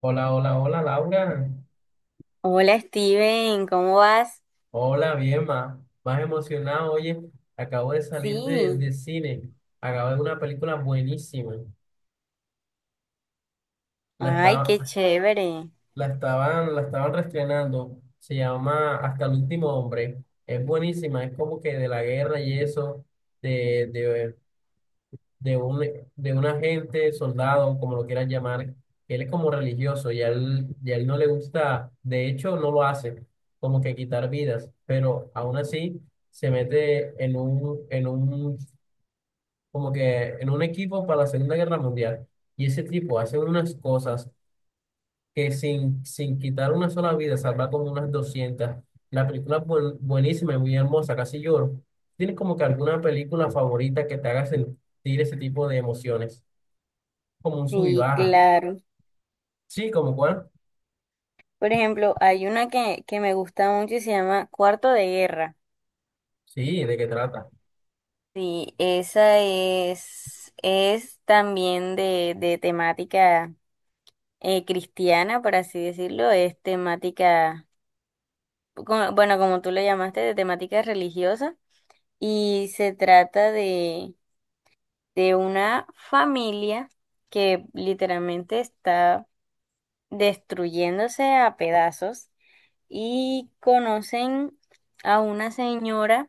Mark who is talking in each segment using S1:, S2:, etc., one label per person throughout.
S1: Hola, hola, hola, Laura.
S2: Hola Steven, ¿cómo vas?
S1: Hola, bien, más emocionado. Oye, acabo de salir de,
S2: Sí,
S1: de cine. Acabo de ver una película buenísima. La
S2: ay, qué
S1: estaba,
S2: chévere.
S1: la estaban reestrenando. Se llama Hasta el último hombre. Es buenísima. Es como que de la guerra y eso, de, de de un, de un agente, soldado, como lo quieran llamar, él es como religioso y a él no le gusta, de hecho no lo hace, como que quitar vidas, pero aún así se mete como que en un equipo para la Segunda Guerra Mundial. Y ese tipo hace unas cosas que sin quitar una sola vida, salva como unas 200. La película es buenísima y muy hermosa, casi lloro. ¿Tienes como que alguna película favorita que te haga sentir ese tipo de emociones? Como un sub y
S2: Sí,
S1: baja.
S2: claro.
S1: Sí, ¿como cuál?
S2: Por ejemplo, hay una que me gusta mucho y se llama Cuarto de Guerra.
S1: Sí, ¿de qué trata?
S2: Sí, esa es también de temática cristiana, por así decirlo. Es temática, bueno, como tú lo llamaste, de temática religiosa. Y se trata de una familia que literalmente está destruyéndose a pedazos y conocen a una señora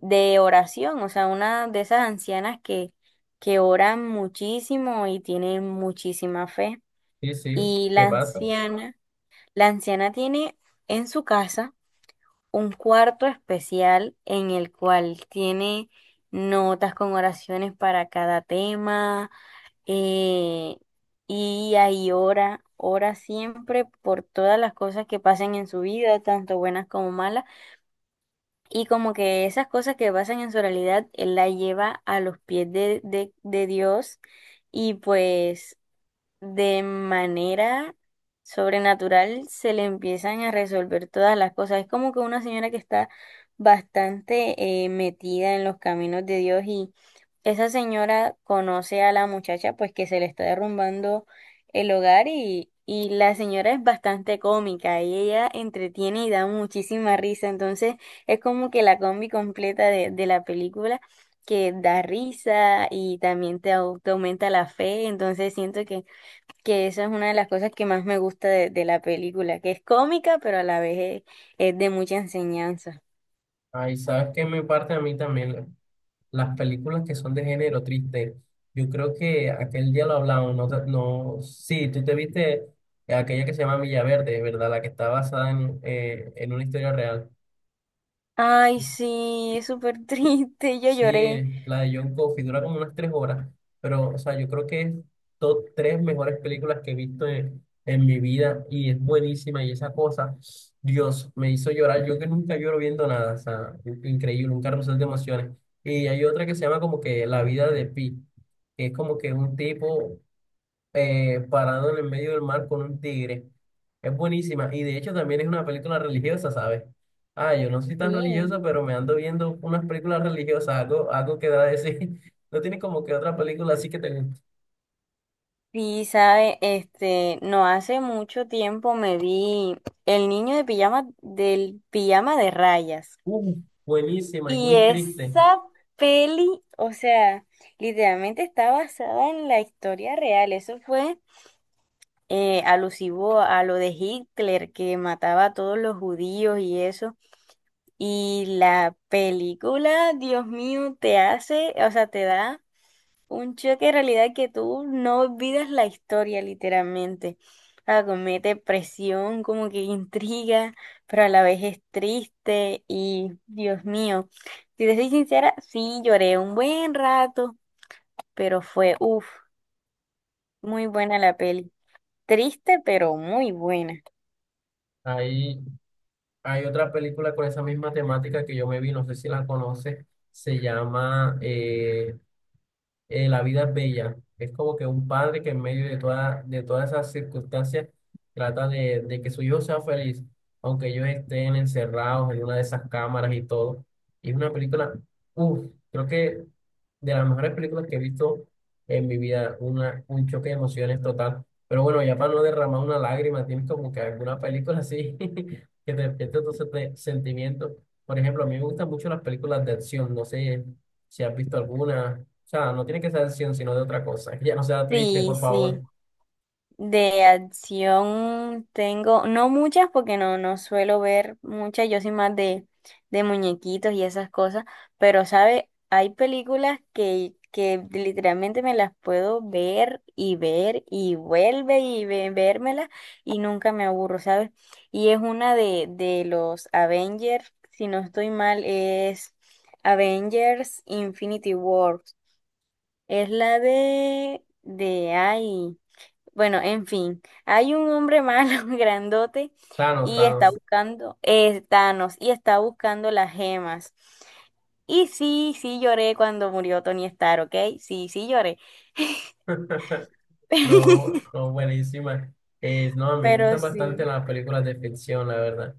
S2: de oración, o sea, una de esas ancianas que oran muchísimo y tienen muchísima fe.
S1: Sí, sí,
S2: Y la
S1: ¿qué pasa?
S2: anciana, la anciana tiene en su casa un cuarto especial en el cual tiene notas con oraciones para cada tema, eh, y ahí ora, ora siempre por todas las cosas que pasen en su vida, tanto buenas como malas, y como que esas cosas que pasan en su realidad, él la lleva a los pies de Dios y pues de manera sobrenatural se le empiezan a resolver todas las cosas. Es como que una señora que está bastante metida en los caminos de Dios y esa señora conoce a la muchacha pues que se le está derrumbando el hogar y la señora es bastante cómica y ella entretiene y da muchísima risa. Entonces es como que la combi completa de la película, que da risa y también te aumenta la fe, entonces siento que esa es una de las cosas que más me gusta de la película, que es cómica, pero a la vez es de mucha enseñanza.
S1: Ay, ¿sabes qué me parte a mí también? Las películas que son de género triste. Yo creo que aquel día lo hablamos, no, no, sí, tú te viste aquella que se llama Villaverde, ¿verdad? La que está basada en una historia real.
S2: Ay, sí, es súper triste, yo
S1: Sí,
S2: lloré.
S1: la de John Coffey dura como unas 3 horas, pero o sea, yo creo que es top tres mejores películas que he visto en mi vida y es buenísima y esa cosa, Dios, me hizo llorar, yo que nunca lloro viendo nada, o sea, increíble, un carrusel de emociones. Y hay otra que se llama como que La vida de Pi, que es como que un tipo parado en el medio del mar con un tigre. Es buenísima. Y de hecho también es una película religiosa, ¿sabes? Ah, yo no soy tan
S2: Sí,
S1: religiosa, pero me ando viendo unas películas religiosas, algo que da de sí. No tiene como que otra película así que te guste.
S2: Sí, sabe, no hace mucho tiempo me vi El niño de pijama del pijama de rayas.
S1: Uh, Buenísima y
S2: Y
S1: muy triste.
S2: esa peli, o sea, literalmente está basada en la historia real. Eso fue alusivo a lo de Hitler, que mataba a todos los judíos y eso. Y la película, Dios mío, te hace, o sea, te da un choque de realidad que tú no olvidas la historia, literalmente. Ah, comete presión, como que intriga, pero a la vez es triste y Dios mío, si te soy sincera, sí lloré un buen rato, pero fue, uff, muy buena la peli. Triste, pero muy buena.
S1: Hay, hay otra película con esa misma temática que yo me vi, no sé si la conoces. Se llama, La vida es bella. Es como que un padre que en medio de todas esas circunstancias trata de que su hijo sea feliz, aunque ellos estén encerrados en una de esas cámaras y todo. Y es una película, uff, creo que de las mejores películas que he visto en mi vida, un choque de emociones total. Pero bueno, ya para no derramar una lágrima, tienes como que alguna película así que te despierte tus sentimientos. Por ejemplo, a mí me gustan mucho las películas de acción, no sé. Si has visto alguna. O sea, no tiene que ser de acción, sino de otra cosa. Que ya no sea triste,
S2: Sí,
S1: por favor.
S2: sí. De acción tengo, no muchas porque no, no suelo ver muchas, yo soy más de muñequitos y esas cosas, pero sabe, hay películas que literalmente me las puedo ver y ver y vuelve y vérmelas y nunca me aburro, ¿sabes? Y es una de los Avengers, si no estoy mal, es Avengers Infinity War. Es la ay, bueno, en fin, hay un hombre malo, grandote,
S1: Thanos,
S2: y está
S1: Thanos.
S2: buscando, Thanos, y está buscando las gemas. Y sí, sí lloré cuando murió Tony Stark, ¿ok? Sí, sí lloré.
S1: No, no, buenísima. Es, no, me
S2: Pero
S1: gustan bastante
S2: sí.
S1: las películas de ficción, la verdad.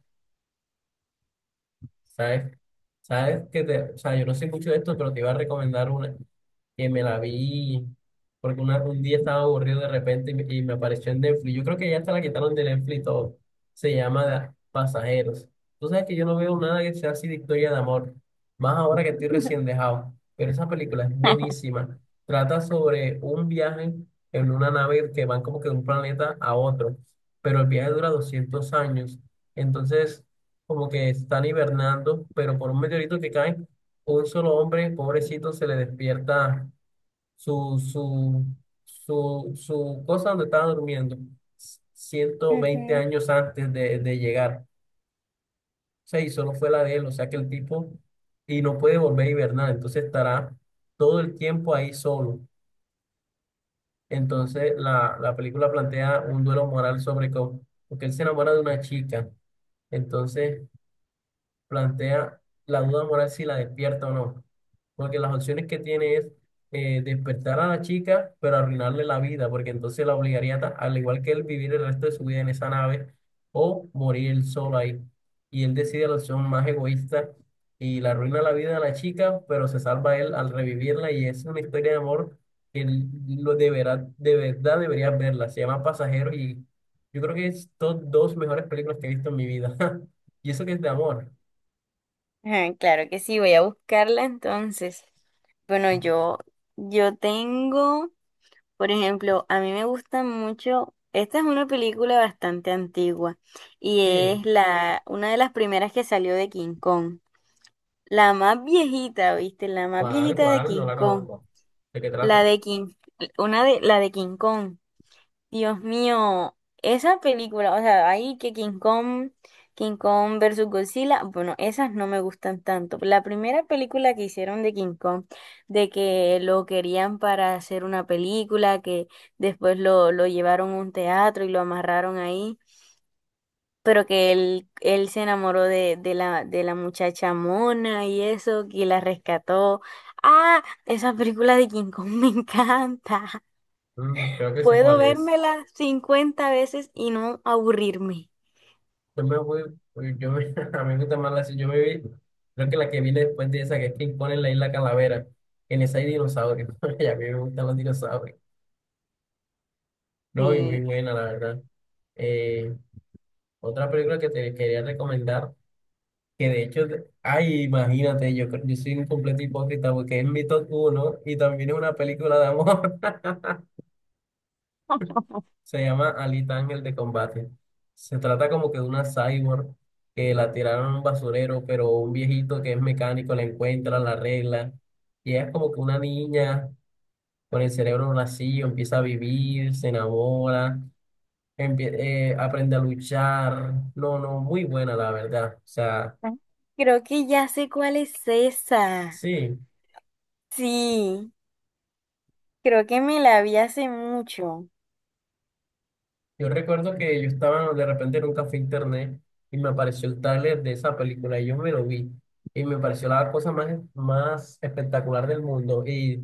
S1: ¿Sabes? ¿Sabes que te, o sea, yo no sé mucho de esto, pero te iba a recomendar una que me la vi porque un día estaba aburrido de repente y me apareció en Netflix. Yo creo que ya hasta la quitaron de Netflix y todo. Se llama Pasajeros. Tú sabes que yo no veo nada que sea así de historia de amor, más ahora que estoy recién dejado. Pero esa película es buenísima. Trata sobre un viaje en una nave que van como que de un planeta a otro, pero el viaje dura 200 años. Entonces como que están hibernando, pero por un meteorito que cae, un solo hombre, pobrecito, se le despierta su, su, su cosa donde estaba durmiendo, ciento veinte
S2: Ujú.
S1: años antes de llegar. O sea, y solo fue la de él, o sea que el tipo, y no puede volver a hibernar, entonces estará todo el tiempo ahí solo. Entonces, la película plantea un duelo moral sobre cómo, porque él se enamora de una chica, entonces plantea la duda moral si la despierta o no. Porque las opciones que tiene es despertar a la chica, pero arruinarle la vida, porque entonces la obligaría, al igual que él, vivir el resto de su vida en esa nave o morir él solo ahí. Y él decide la opción más egoísta y le arruina la vida a la chica, pero se salva él al revivirla y es una historia de amor que él lo deberá, de verdad deberías verla. Se llama Pasajero y yo creo que es top dos mejores películas que he visto en mi vida. Y eso que es de amor.
S2: Ah, claro que sí, voy a buscarla entonces. Bueno, yo tengo. Por ejemplo, a mí me gusta mucho, esta es una película bastante antigua y
S1: Sí,
S2: es la una de las primeras que salió de King Kong, la más viejita, ¿viste? La más
S1: ¿cuál,
S2: viejita de
S1: cuál? No
S2: King
S1: la
S2: Kong,
S1: conozco. ¿De qué
S2: la
S1: trata?
S2: de King, una de la de King Kong. Dios mío, esa película, o sea, ahí que King Kong, King Kong versus Godzilla, bueno, esas no me gustan tanto. La primera película que hicieron de King Kong, de que lo querían para hacer una película, que después lo llevaron a un teatro y lo amarraron ahí, pero que él se enamoró de la muchacha mona y eso, que la rescató. Ah, esa película de King Kong me encanta.
S1: Creo que sé
S2: Puedo
S1: cuál es.
S2: vérmela 50 veces y no aburrirme.
S1: Yo me voy, uy, a mí me gusta más serie. Yo me vi, creo que la que vi después de esa que es que ponen la isla Calavera, en esa hay dinosaurios, y a mí me gustan los dinosaurios, no, y muy
S2: Sí.
S1: buena la verdad. Eh, Otra película que te quería recomendar, que de hecho, ay, imagínate, yo soy un completo hipócrita porque es mi top uno y también es una película de amor. Se llama Alita Ángel de Combate. Se trata como que de una cyborg que la tiraron a un basurero, pero un viejito que es mecánico la encuentra, la arregla. Y ella es como que una niña con el cerebro vacío, empieza a vivir, se enamora, aprende a luchar. No, no, muy buena la verdad. O sea,
S2: Ah. Creo que ya sé cuál es esa.
S1: sí.
S2: Sí, creo que me la vi hace mucho.
S1: Yo recuerdo que yo estaba de repente en un café internet y me apareció el tráiler de esa película y yo me lo vi y me pareció la cosa más espectacular del mundo y,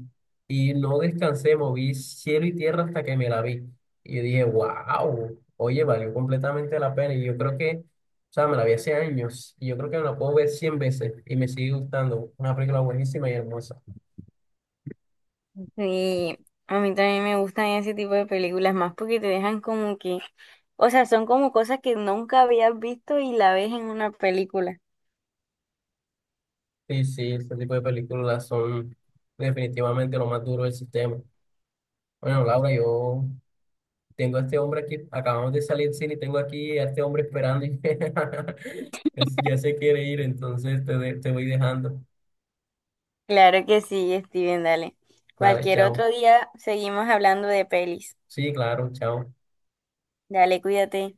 S1: y no descansé, moví cielo y tierra hasta que me la vi. Y yo dije, wow, oye, valió completamente la pena y yo creo que, o sea, me la vi hace años y yo creo que me la puedo ver 100 veces y me sigue gustando. Una película buenísima y hermosa.
S2: Sí, a mí también me gustan ese tipo de películas más porque te dejan como que, o sea, son como cosas que nunca habías visto y la ves en una película.
S1: Sí, sí, ese tipo de películas son definitivamente lo más duro del sistema. Bueno, Laura, yo Tengo a este hombre aquí, acabamos de salir del cine y tengo aquí a este hombre esperando y ya se quiere ir, entonces te voy dejando.
S2: Claro que sí, Steven, dale.
S1: Vale,
S2: Cualquier
S1: chao.
S2: otro día seguimos hablando de pelis.
S1: Sí, claro, chao.
S2: Dale, cuídate.